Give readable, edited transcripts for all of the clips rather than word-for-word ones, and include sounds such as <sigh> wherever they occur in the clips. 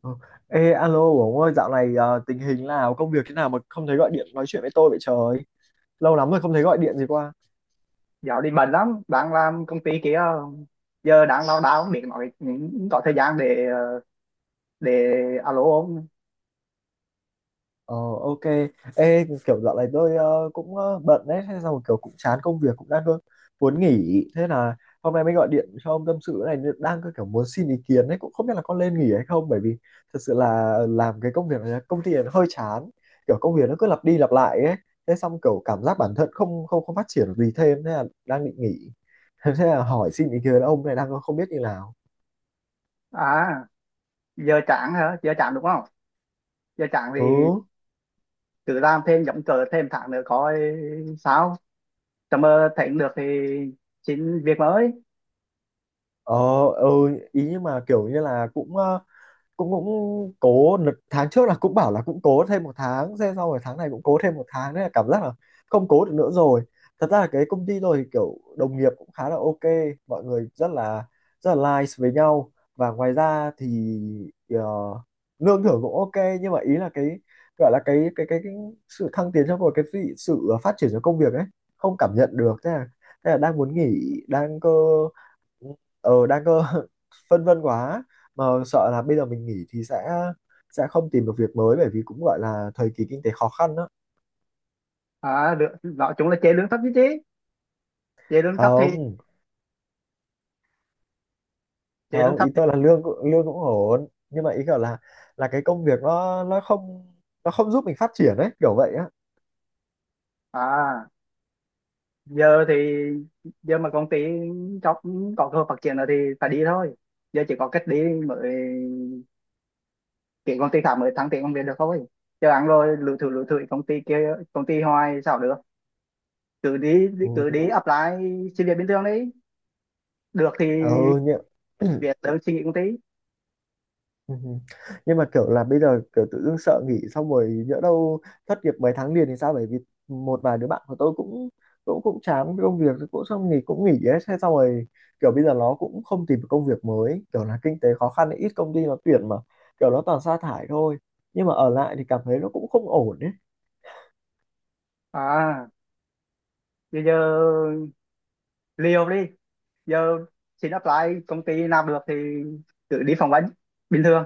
Ờ. Ê, alo Bổng ơi, dạo này tình hình nào, công việc thế nào mà không thấy gọi điện nói chuyện với tôi vậy trời? Lâu lắm rồi không thấy gọi điện gì qua. Dạo đi bận lắm, đang làm công ty kia. Giờ đang lao đao không biết nói, có thời gian để để alo không. Ờ ok. Ê kiểu dạo này tôi cũng bận đấy. Thế xong kiểu cũng chán công việc cũng đang cơ, muốn nghỉ. Thế là hôm nay mới gọi điện cho ông tâm sự này. Đang cơ kiểu muốn xin ý kiến đấy. Cũng không biết là có nên nghỉ hay không. Bởi vì thật sự là làm cái công việc này công ty này nó hơi chán. Kiểu công việc nó cứ lặp đi lặp lại ấy. Thế xong kiểu cảm giác bản thân không không không phát triển được gì thêm. Thế là đang định nghỉ. <laughs> Thế là hỏi xin ý kiến ông này đang không biết như nào. À, giờ chán hả? Giờ chán đúng không? Giờ chán thì Ừ. cứ làm thêm giống cờ thêm tháng nữa coi sao, tầm mơ thấy không được thì xin việc mới. Ờ, ừ, ý nhưng mà kiểu như là cũng cũng cũng cố tháng trước là cũng bảo là cũng cố thêm một tháng, thế sau rồi tháng này cũng cố thêm một tháng, nên là cảm giác là không cố được nữa rồi. Thật ra là cái công ty rồi kiểu đồng nghiệp cũng khá là ok, mọi người rất là nice với nhau. Và ngoài ra thì ờ, lương thưởng cũng ok, nhưng mà ý là cái gọi là cái sự thăng tiến trong một cái sự phát triển trong công việc ấy không cảm nhận được, thế là đang muốn nghỉ đang cơ. Ờ đang cơ. <laughs> Phân vân quá. Mà sợ là bây giờ mình nghỉ thì sẽ không tìm được việc mới bởi vì cũng gọi là thời kỳ kinh tế khó khăn đó. À được, nói chung là chế lương thấp chứ chứ chế lương thấp thì, Không, chế lương không, ý thấp tôi là thì. Lương cũng ổn, nhưng mà ý kiểu là cái công việc nó nó không giúp mình phát triển ấy, kiểu vậy á. À giờ thì, giờ mà công ty cho có cơ hội phát triển nữa thì phải đi thôi. Giờ chỉ có cách đi mới, tiếng công ty khác mới thăng tiền công việc được không ấy, chứ ăn rồi lủi thủi công ty kia, công ty hoài sao được. Cứ đi, cứ đi Ừ, apply xin việc bình thường đấy, được thì ừ nhỉ. <clears throat> việc đơn xin nghỉ công ty. Ừ. Nhưng mà kiểu là bây giờ kiểu tự dưng sợ nghỉ xong rồi nhỡ đâu thất nghiệp mấy tháng liền thì sao, bởi vì một vài đứa bạn của tôi cũng cũng cũng chán cái công việc cũng xong nghỉ cũng nghỉ ấy, thế xong rồi kiểu bây giờ nó cũng không tìm được công việc mới, kiểu là kinh tế khó khăn ấy, ít công ty nó tuyển mà kiểu nó toàn sa thải thôi. Nhưng mà ở lại thì cảm thấy nó cũng không ổn đấy. À bây giờ liều đi, giờ xin apply công ty nào được thì cứ đi phỏng vấn bình thường,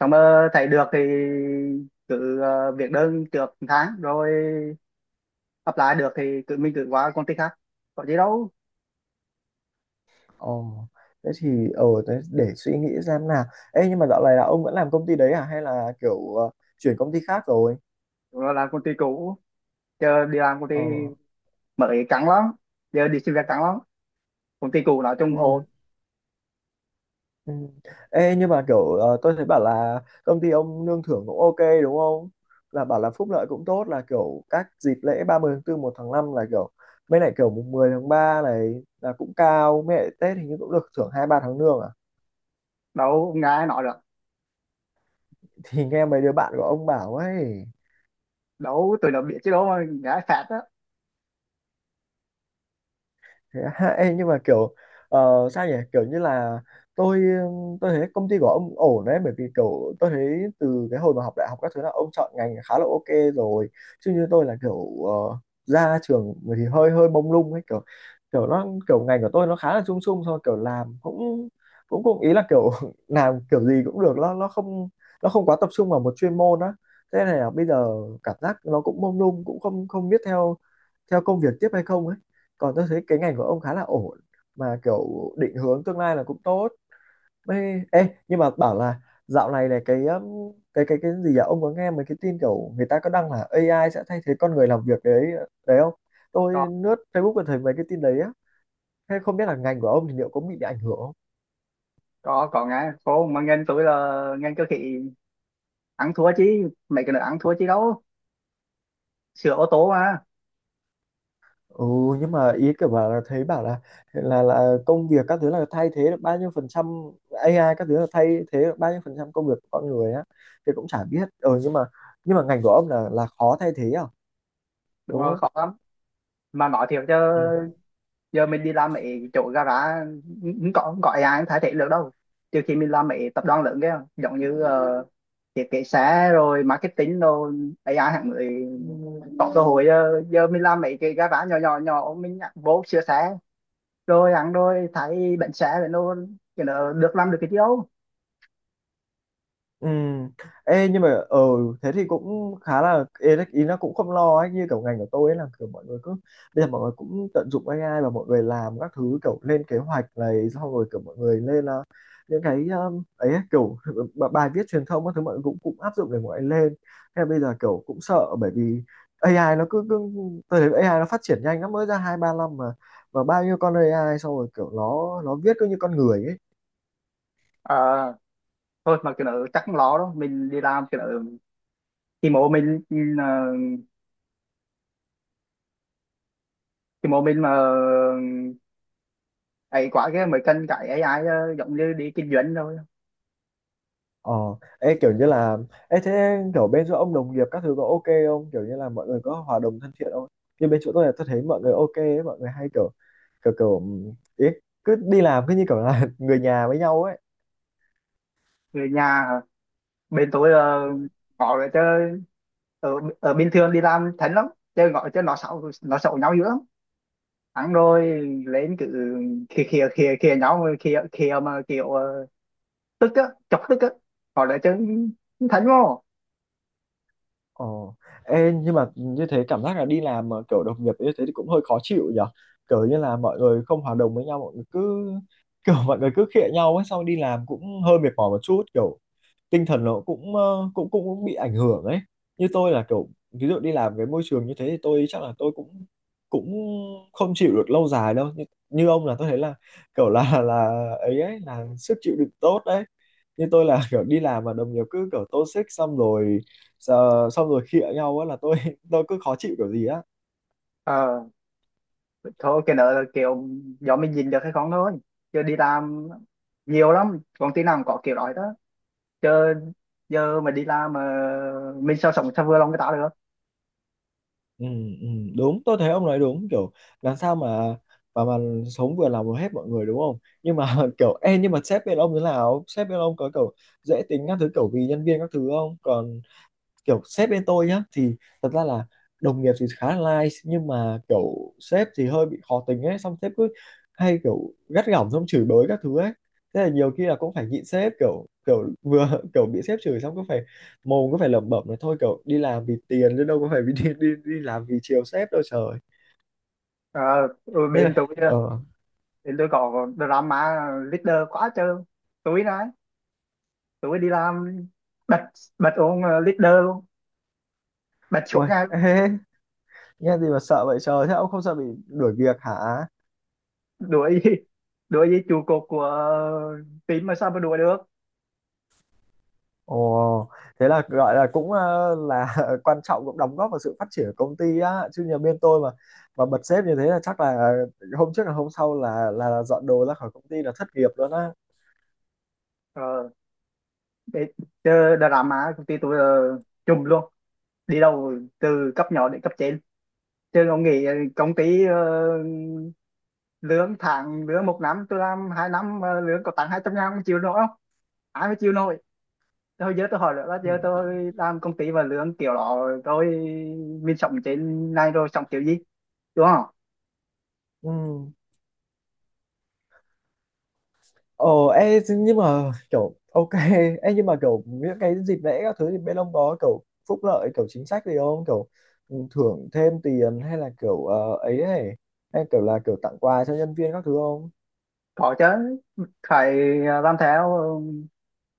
xong mà thấy được thì cứ việc đơn trước một tháng, rồi apply được thì mình cứ qua công ty khác, có gì đâu. Ồ, thế thì ờ thế để suy nghĩ xem nào. Ê nhưng mà dạo này là ông vẫn làm công ty đấy à hay là kiểu chuyển công ty khác rồi? Rồi làm công ty cũ, chờ đi làm công ty Ờ. Mỹ căng lắm, giờ đi xin việc căng lắm, công ty cũ nói chung Ừ. ồ. Ừ. Ê, nhưng mà kiểu tôi thấy bảo là công ty ông lương thưởng cũng ok đúng không? Là bảo là phúc lợi cũng tốt là kiểu các dịp lễ 30 tháng tư một tháng 5 là kiểu, mấy lại kiểu mùng 10 tháng 3 này là cũng cao, mấy lại Tết hình như cũng được thưởng 2 3 tháng lương à? Đâu, nghe nói được Thì nghe mấy đứa bạn của ông bảo ấy. đâu, tụi nó biết chứ đâu mà nghe phạt á. Thế á. <laughs> Ê, nhưng mà kiểu ờ, sao nhỉ, kiểu như là tôi tôi thấy công ty của ông ổn đấy, bởi vì kiểu tôi thấy từ cái hồi mà học đại học các thứ là ông chọn ngành khá là ok rồi, chứ như tôi là kiểu ra trường thì hơi hơi mông lung ấy, kiểu kiểu nó kiểu ngành của tôi nó khá là chung chung thôi, kiểu làm cũng cũng cũng ý là kiểu <laughs> làm kiểu gì cũng được, nó nó không quá tập trung vào một chuyên môn á. Thế này là bây giờ cảm giác nó cũng mông lung, cũng không không biết theo theo công việc tiếp hay không ấy. Còn tôi thấy cái ngành của ông khá là ổn, mà kiểu định hướng tương lai là cũng tốt. Ê, ê nhưng mà bảo là dạo này này cái cái gì à, ông có nghe mấy cái tin kiểu người ta có đăng là AI sẽ thay thế con người làm việc đấy đấy không? Tôi Có, lướt Facebook và thấy mấy cái tin đấy á. Thế không biết là ngành của ông thì liệu có bị ảnh hưởng không? Có nghe, cô mà nghe tôi là nghe cơ khí ăn thua, chứ mấy cái nữa ăn thua chứ đâu, sửa ô tô mà. Ừ, nhưng mà ý kiểu bảo là thấy bảo là công việc các thứ là thay thế được bao nhiêu phần trăm, AI các thứ là thay thế được bao nhiêu phần trăm công việc của con người á thì cũng chả biết. Ừ, nhưng mà ngành của ông là khó thay thế à Đúng đúng rồi, không? khó lắm. Mà nói thiệt chứ Ừ. giờ mình đi làm mấy chỗ gara không có ai ai thay thế được đâu. Trừ khi mình làm mấy tập đoàn lớn kia giống như thiết kế xe rồi marketing rồi AI hạng người có cơ hội. Giờ mình làm mấy cái gara nhỏ nhỏ nhỏ mình nhặt vô sửa xe, rồi ăn rồi thấy bệnh xe rồi nó, cái nó được làm được cái gì đâu. Ừ. Ê, nhưng mà ờ thế thì cũng khá là ý nó cũng không lo ấy, như kiểu ngành của tôi ấy là kiểu mọi người cứ bây giờ mọi người cũng tận dụng AI, và mọi người làm các thứ kiểu lên kế hoạch này, xong rồi kiểu mọi người lên những cái ấy ấy, kiểu bài viết truyền thông các thứ mọi người cũng cũng áp dụng để mọi người lên. Thế là bây giờ kiểu cũng sợ bởi vì AI nó cứ, tôi thấy AI nó phát triển nhanh, nó mới ra 2 3 năm mà, và bao nhiêu con AI, xong rồi kiểu nó viết cứ như con người ấy. Ờ, thôi mà cái nó chắc không lo đâu, mình đi làm cái nó thì mộ mình, thì mộ mình mà ấy quá cái mới cần cái AI, giống như đi kinh doanh rồi. Ờ, ê, kiểu như là ê, thế kiểu bên chỗ ông đồng nghiệp các thứ có ok không? Kiểu như là mọi người có hòa đồng thân thiện không? Như bên chỗ tôi là tôi thấy mọi người ok ấy, mọi người hay kiểu kiểu kiểu ý, cứ đi làm cứ như kiểu là <laughs> người nhà với nhau ấy. Người nhà hả? Bên tôi ờ, Ừ. có rồi chứ. Ở, ở bình thường đi làm thánh lắm, chơi gọi cho nó xấu, nó xấu nhau dữ lắm, ăn rồi lên cứ khịa khìa khìa khìa nhau, rồi khìa khịa mà kiểu tức á, chọc tức á, họ lại chứ, thánh vô. Ờ, ê, nhưng mà như thế cảm giác là đi làm mà kiểu đồng nghiệp như thế thì cũng hơi khó chịu nhở. Kiểu như là mọi người không hòa đồng với nhau, mọi người cứ <laughs> kiểu mọi người cứ khịa nhau ấy, xong đi làm cũng hơi mệt mỏi một chút, kiểu tinh thần nó cũng cũng bị ảnh hưởng ấy. Như tôi là kiểu ví dụ đi làm cái môi trường như thế thì tôi chắc là tôi cũng cũng không chịu được lâu dài đâu. Như, như ông là tôi thấy là kiểu là ấy ấy là sức chịu đựng tốt đấy. Như tôi là <laughs> kiểu đi làm mà đồng nghiệp cứ kiểu toxic xong rồi xong rồi khịa nhau á là tôi <laughs> tôi cứ khó chịu kiểu gì á. Ờ thôi cái nợ là kiểu do mình nhìn được hay không thôi, chứ đi làm nhiều lắm, công ty nào cũng có kiểu đó đó chứ. Giờ mà đi làm mà mình sao, sống sao vừa lòng người ta được. Ừ, ừ, đúng, tôi thấy ông nói đúng, kiểu làm sao mà mà sống vừa lòng hết mọi người đúng không, nhưng mà <laughs> kiểu ê nhưng mà sếp bên ông thế nào, sếp bên ông có kiểu dễ tính các thứ kiểu vì nhân viên các thứ không, còn kiểu sếp bên tôi nhá thì thật ra là đồng nghiệp thì khá là nice, nhưng mà kiểu sếp thì hơi bị khó tính ấy, xong sếp cứ hay kiểu gắt gỏng xong chửi bới các thứ ấy. Thế là nhiều khi là cũng phải nhịn sếp kiểu kiểu vừa <laughs> kiểu bị sếp chửi xong cứ phải mồm cứ phải lẩm bẩm là thôi, kiểu đi làm vì tiền chứ đâu có phải vì đi, đi đi làm vì chiều sếp đâu trời. ờ Thế bên là tôi ờ thì tôi có drama leader quá trời. Tối đấy, tối đi làm bật, bật ông leader luôn, bật chỗ ui ngay luôn. ê. <laughs> Nghe gì mà sợ vậy trời, thế ông không sợ bị đuổi việc hả? Đuổi? <laughs> Đuổi với trụ cột của team mà sao mà đuổi được. Ồ, thế là gọi là cũng là <laughs> quan trọng, cũng đóng góp vào sự phát triển của công ty á, chứ nhà bên tôi mà bật sếp như thế là chắc là hôm trước là hôm sau là dọn đồ ra khỏi công ty là thất nghiệp luôn á. Ờ để chơi drama, công ty tôi ờ, trùm luôn, đi đâu từ cấp nhỏ đến cấp trên. Chứ ông nghĩ công ty lương tháng, lương một năm, tôi làm hai năm mà lương có tặng hai trăm ngàn, không chịu nổi không? Ai mà chịu nổi. Thôi giờ tôi hỏi nữa là Ừ. giờ tôi làm công ty và lương kiểu đó, tôi mình sống trên này rồi sống kiểu gì, đúng không. Ừ. Ồ, ê, nhưng mà kiểu ok. <laughs> Ê, nhưng mà kiểu những cái dịp lễ các thứ thì bên ông có kiểu phúc lợi kiểu chính sách gì không, kiểu thưởng thêm tiền hay là kiểu ấy ấy, hay kiểu là kiểu tặng quà cho nhân viên các thứ không? Có chứ, phải. À, làm theo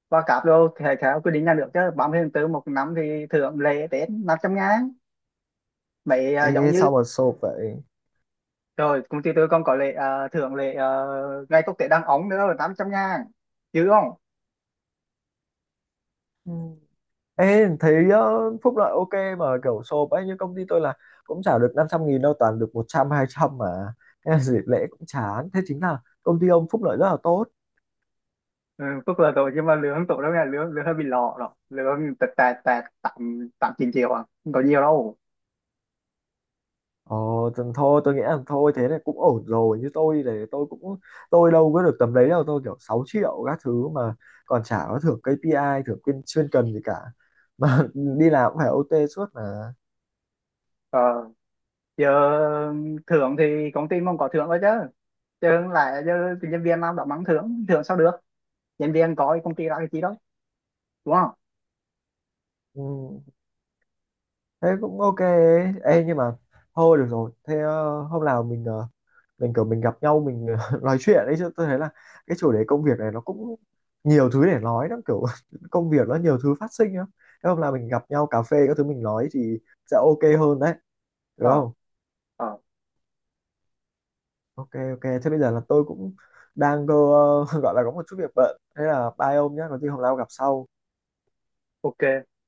và cáp đâu thì phải theo quy định nhà nước chứ, 30 tháng 4 một năm thì thưởng lễ, Tết 500 ngàn mấy à, giống Ê như. sao mà sộp vậy. Rồi công ty tôi còn có lễ à, thưởng lễ à, ngày quốc tế đăng ống nữa là 800 ngàn chứ không. Ừ. Ê, thấy phúc lợi ok mà kiểu sộp ấy, như công ty tôi là cũng trả được 500 nghìn đâu, toàn được 100 trăm 200 mà. Thế là dịp lễ cũng chán, thế chính là công ty ông phúc lợi rất là tốt. Ừ, phúc là rồi, nhưng mà lương tổ đâu nghe, lương lương hơi bị lọ rồi, lương tẹt tẹt tẹt tám, tám chín triệu à, không có nhiều đâu. Ồ, thì thôi tôi nghĩ là thôi thế này cũng ổn rồi, như tôi thì tôi đâu có được tầm đấy đâu, tôi kiểu 6 triệu các thứ mà, còn chả có thưởng KPI, thưởng chuyên chuyên cần gì cả mà, <laughs> đi làm cũng phải OT suốt mà. Ờ, giờ thưởng thì công ty mong có thưởng thôi chứ, chứ không lẽ giờ nhân viên làm đó mắng thưởng thưởng sao được. Nhân viên có, công ty ra cái chi đó, đúng không. Ừ. Thế cũng ok ấy. Ê, nhưng mà thôi được rồi, thế hôm nào mình mình kiểu mình gặp nhau mình <laughs> nói chuyện ấy, chứ tôi thấy là cái chủ đề công việc này nó cũng nhiều thứ để nói lắm, kiểu <laughs> công việc nó nhiều thứ phát sinh lắm. Thế hôm nào mình gặp nhau cà phê các thứ mình nói thì sẽ ok hơn đấy, được Ờ, không? ờ, Ok, ok, thế bây giờ là tôi cũng đang cơ, <laughs> gọi là có một chút việc bận, thế là bye ông nhé, có gì hôm nào gặp sau. ok.